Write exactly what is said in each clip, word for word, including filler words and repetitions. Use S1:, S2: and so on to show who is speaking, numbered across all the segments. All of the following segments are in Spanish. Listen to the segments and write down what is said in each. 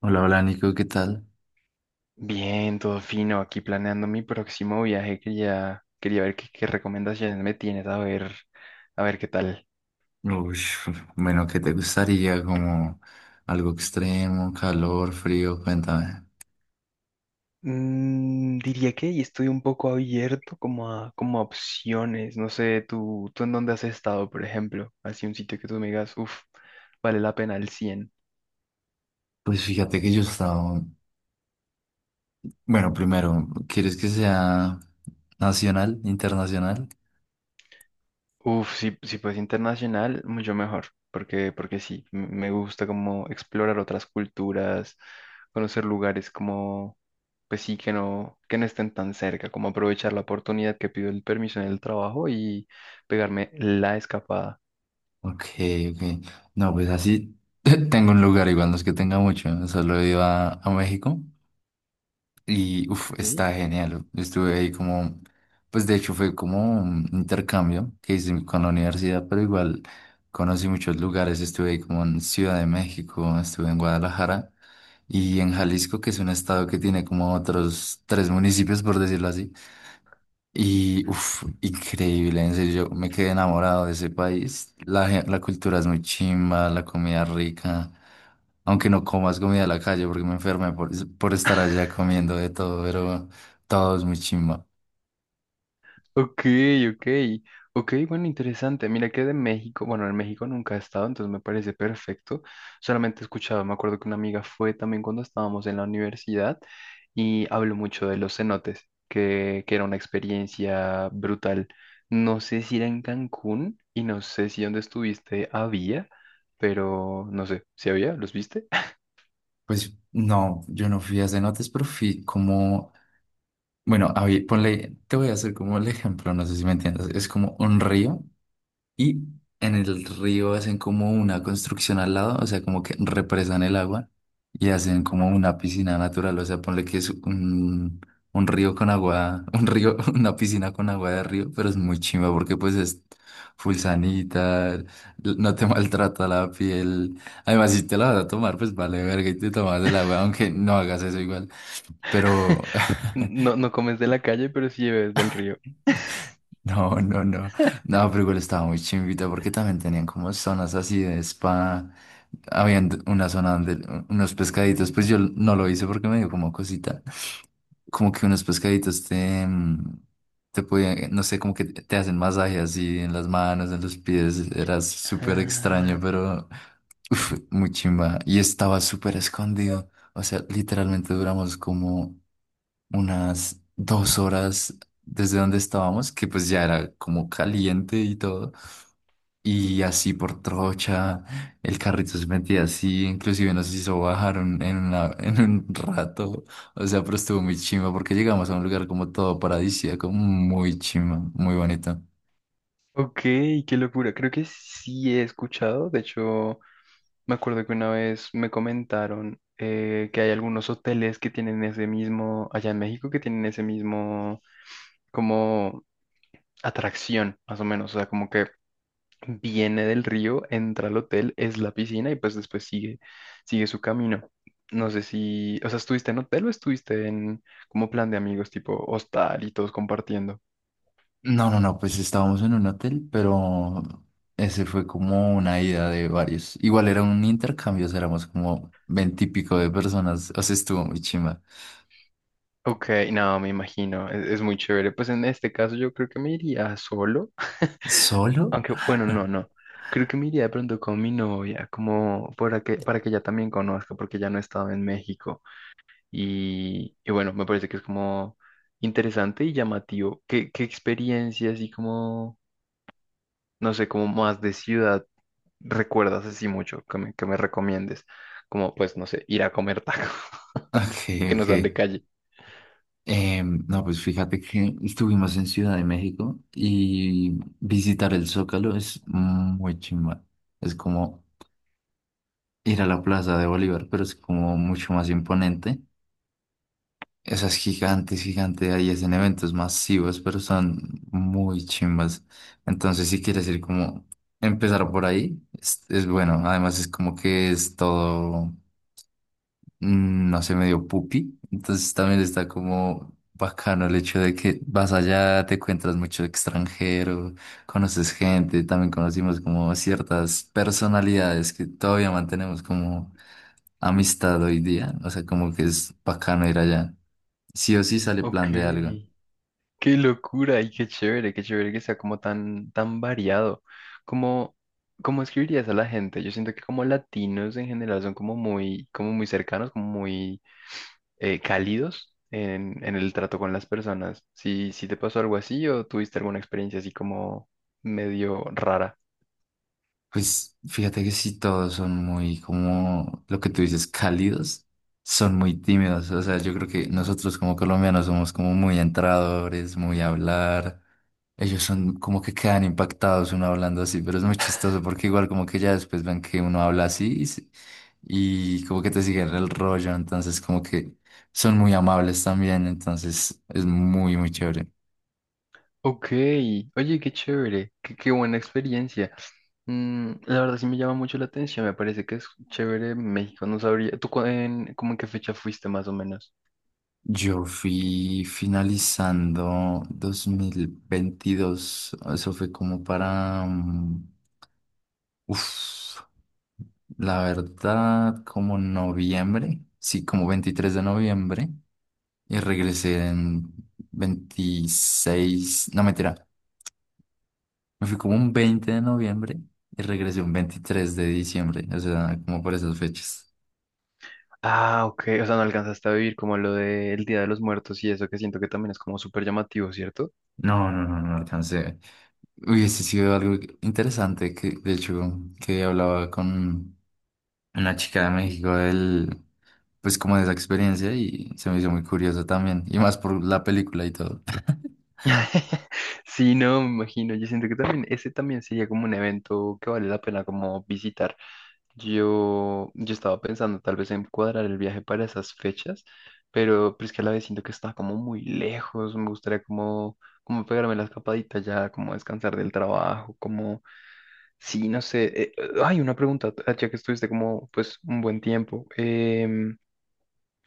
S1: Hola, hola Nico, ¿qué tal?
S2: Bien, todo fino, aquí planeando mi próximo viaje, quería, quería ver qué, qué recomendaciones me tienes, a ver, a ver qué tal.
S1: Uy, bueno, ¿qué te gustaría? Como algo extremo, calor, frío, cuéntame.
S2: Mm, diría que estoy un poco abierto como a, como a opciones, no sé, tú, tú en dónde has estado, por ejemplo, así un sitio que tú me digas, uff, vale la pena el cien.
S1: Pues fíjate que yo estaba. Bueno, primero, ¿quieres que sea nacional, internacional?
S2: Uf, si, si fuese internacional, mucho mejor, porque, porque sí, m- me gusta como explorar otras culturas, conocer lugares como, pues sí, que no, que no estén tan cerca, como aprovechar la oportunidad que pido el permiso en el trabajo y pegarme la escapada.
S1: Ok, ok. No, pues así tengo un lugar, igual no es que tenga mucho, solo iba a a México. Y uff,
S2: Ok.
S1: está genial. Yo estuve ahí como, pues de hecho fue como un intercambio que hice con la universidad, pero igual conocí muchos lugares. Estuve ahí como en Ciudad de México, estuve en Guadalajara y en Jalisco, que es un estado que tiene como otros tres municipios, por decirlo así. Y, uff, increíble, en serio, yo me quedé enamorado de ese país. La, gen- la cultura es muy chimba, la comida rica. Aunque no comas comida de la calle porque me enfermé por, por estar allá comiendo de todo, pero todo es muy chimba.
S2: Ok, ok, ok, bueno, interesante. Mira que de México, bueno, en México nunca he estado, entonces me parece perfecto. Solamente he escuchado, me acuerdo que una amiga fue también cuando estábamos en la universidad y habló mucho de los cenotes, que, que era una experiencia brutal. No sé si era en Cancún y no sé si donde estuviste había, pero no sé, ¿si había? ¿Los viste?
S1: Pues no, yo no fui a cenotes, pero fui como, bueno, a ver, ponle, te voy a hacer como el ejemplo, no sé si me entiendes. Es como un río. Y en el río hacen como una construcción al lado, o sea, como que represan el agua y hacen como una piscina natural, o sea, ponle que es un, un río con agua, un río, una piscina con agua de río, pero es muy chimba porque pues es full sanita, l- no te maltrata la piel. Además, si te la vas a tomar, pues vale verga y te tomas el agua, aunque no hagas eso igual. Pero.
S2: No, no comes de la calle, pero sí bebes del río.
S1: No, no, no. No, pero igual estaba muy chimbita porque también tenían como zonas así de spa. Habían d- una zona donde u- unos pescaditos, pues yo l- no lo hice porque me dio como cosita. Como que unos pescaditos te, mm, te podían, no sé, como que te te hacen masaje así en las manos, en los pies. Era súper extraño, pero uf, muy chimba. Y estaba súper escondido. O sea, literalmente duramos como unas dos horas desde donde estábamos, que pues ya era como caliente y todo. Y así por trocha, el carrito se metía así, inclusive nos hizo bajar un- en, una- en un rato. O sea, pero estuvo muy chimba porque llegamos a un lugar como todo paradisíaco, muy chimba, muy bonito.
S2: Ok, qué locura. Creo que sí he escuchado. De hecho, me acuerdo que una vez me comentaron eh, que hay algunos hoteles que tienen ese mismo, allá en México, que tienen ese mismo como atracción, más o menos. O sea, como que viene del río, entra al hotel, es la piscina y pues después sigue, sigue, su camino. No sé si, o sea, ¿estuviste en hotel o estuviste en como plan de amigos, tipo hostal y todos compartiendo?
S1: No, no, no, pues estábamos en un hotel, pero ese fue como una ida de varios. Igual era un intercambio, o sea, éramos como veintipico de personas, o sea, estuvo muy chimba.
S2: Ok, no, me imagino, es, es muy chévere. Pues en este caso yo creo que me iría solo,
S1: ¿Solo?
S2: aunque bueno, no, no. Creo que me iría de pronto con mi novia, como para que, para que, ella también conozca, porque ya no he estado en México. Y, y bueno, me parece que es como interesante y llamativo. ¿Qué, qué experiencia así como, no sé, como más de ciudad recuerdas así mucho que me, que me recomiendes? Como, pues, no sé, ir a comer tacos
S1: Ok,
S2: que no
S1: ok.
S2: sean de calle.
S1: Em, no, pues fíjate que estuvimos en Ciudad de México y visitar el Zócalo es muy chimba. Es como ir a la Plaza de Bolívar, pero es como mucho más imponente. Esas gigantes, gigantes, ahí hacen eventos masivos, pero son muy chimbas. Entonces, si quieres ir como empezar por ahí, es, es bueno. Además, es como que es todo. mm, no sé, medio pupi. Entonces también está como bacano el hecho de que vas allá, te encuentras mucho extranjero, conoces gente, también conocimos como ciertas personalidades que todavía mantenemos como amistad hoy día. O sea, como que es bacano ir allá. Sí o sí sale plan
S2: Ok.
S1: de algo.
S2: Qué locura y qué chévere, qué chévere que sea como tan, tan variado. ¿Cómo, cómo escribirías a la gente? Yo siento que como latinos en general son como muy, como muy, cercanos, como muy eh, cálidos en, en el trato con las personas. Si, si te pasó algo así o tuviste alguna experiencia así como medio rara.
S1: Pues fíjate que sí, todos son muy, como lo que tú dices, cálidos, son muy tímidos. O sea, yo creo que nosotros como colombianos somos como muy entradores, muy a hablar. Ellos son como que quedan impactados uno hablando así, pero es muy chistoso porque igual como que ya después ven que uno habla así y, se- y como que te siguen el rollo. Entonces como que son muy amables también. Entonces es muy, muy chévere.
S2: Ok, oye, qué chévere, qué, qué buena experiencia. Mm, la verdad sí me llama mucho la atención, me parece que es chévere México, no sabría. ¿Tú cu- en, como en qué fecha fuiste más o menos?
S1: Yo fui finalizando dos mil veintidós, eso fue como para, mm, uf, la verdad, como noviembre, sí, como veintitrés de noviembre, y regresé en veintiséis, no mentira, me fui como un veinte de noviembre y regresé un veintitrés de diciembre, o sea, como por esas fechas.
S2: Ah, ok, o sea, no alcanzaste a vivir como lo del Día de los Muertos y eso que siento que también es como súper llamativo, ¿cierto?
S1: No, no, no, no alcancé. Hubiese sido algo interesante que, de hecho, que hablaba con una chica de México del, pues como de esa experiencia y se me hizo muy curioso también, y más por la película y todo.
S2: Sí, no, me imagino. Yo siento que también ese también sería como un evento que vale la pena como visitar. Yo, yo estaba pensando tal vez en cuadrar el viaje para esas fechas, pero, pero es que a la vez siento que está como muy lejos. Me gustaría como, como, pegarme la escapadita ya, como descansar del trabajo, como. Sí, no sé. Eh, hay una pregunta, ah, ya que estuviste como pues un buen tiempo. em,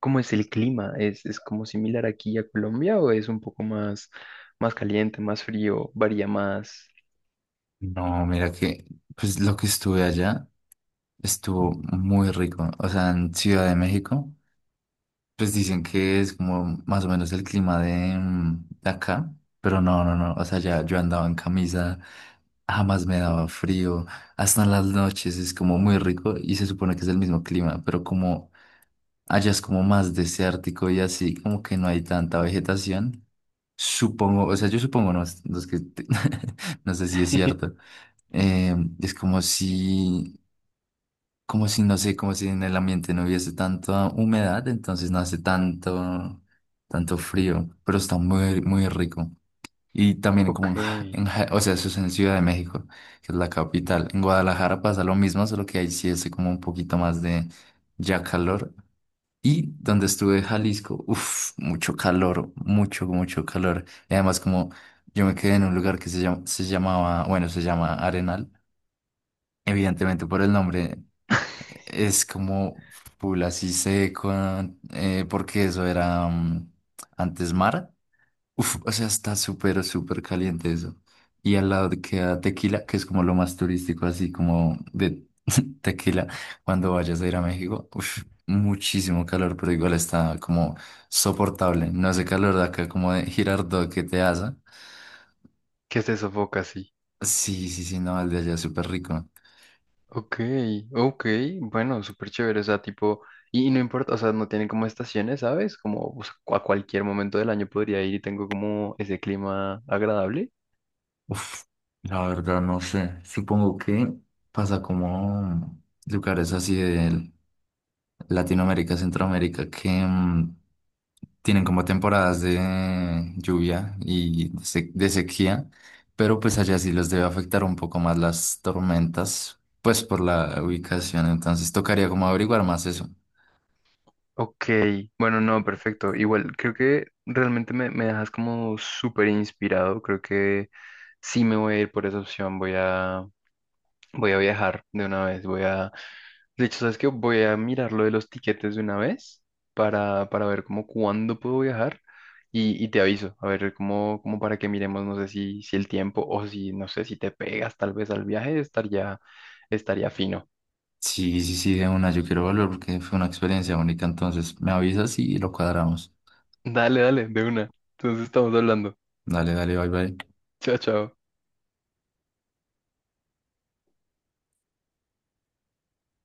S2: ¿Cómo es el clima? ¿Es, es como similar aquí a Colombia o es un poco más, más caliente, más frío, varía más?
S1: No, mira que, pues lo que estuve allá estuvo muy rico, o sea, en Ciudad de México, pues dicen que es como más o menos el clima de, mm, de acá, pero no, no, no, o sea, ya yo andaba en camisa, jamás me daba frío, hasta en las noches es como muy rico y se supone que es el mismo clima, pero como allá es como más desértico y así, como que no hay tanta vegetación. Supongo, o sea, yo supongo, no, los que te- no sé si es cierto. Eh, es como si, como si, no sé, como si en el ambiente no hubiese tanta humedad, entonces no hace tanto, tanto frío, pero está muy, muy rico. Y también
S2: Ok,
S1: como en, Ja-
S2: que
S1: en Ja- o sea, eso es en Ciudad de México, que es la capital. En Guadalajara pasa lo mismo, solo que ahí sí hace como un poquito más de ya calor. Y donde estuve en Jalisco, uff, mucho calor, mucho, mucho calor. Y además como yo me quedé en un lugar que se llama, se llamaba, bueno, se llama Arenal. Evidentemente por el nombre es como full así seco, eh, porque eso era mm, antes mar. Uf, o sea, está súper, súper caliente eso. Y al lado queda Tequila, que es como lo más turístico, así como de Tequila, cuando vayas a ir a México. Uf, muchísimo calor, pero igual está como soportable. No ese calor de acá como de Girardot que te hace.
S2: se sofoca así.
S1: Sí, sí, sí, no, el de allá es súper rico.
S2: Ok, ok, bueno, súper chévere, o sea, tipo, y, y no importa, o sea, no tienen como estaciones, ¿sabes? Como o sea, a cualquier momento del año podría ir y tengo como ese clima agradable.
S1: Uf, la verdad no sé. Supongo que pasa como lugares así de Latinoamérica, Centroamérica, que mm, tienen como temporadas de lluvia y de se- de sequía, pero pues allá sí los debe afectar un poco más las tormentas, pues por la ubicación, entonces tocaría como averiguar más eso.
S2: Ok, bueno, no, perfecto. Igual, creo que realmente me, me, dejas como súper inspirado. Creo que sí me voy a ir por esa opción. Voy a, voy a viajar de una vez. Voy a, de hecho, ¿sabes qué? Voy a mirar lo de los tiquetes de una vez para, para, ver como cuándo puedo viajar y, y te aviso. A ver, como, como, para que miremos, no sé si, si el tiempo o si, no sé, si te pegas tal vez al viaje, estaría, estaría, fino.
S1: Sí, sí, sí, de una, yo quiero volver porque fue una experiencia única, entonces me avisas y lo cuadramos.
S2: Dale, dale, de una. Entonces estamos hablando.
S1: Dale, dale, bye, bye.
S2: Chao, chao.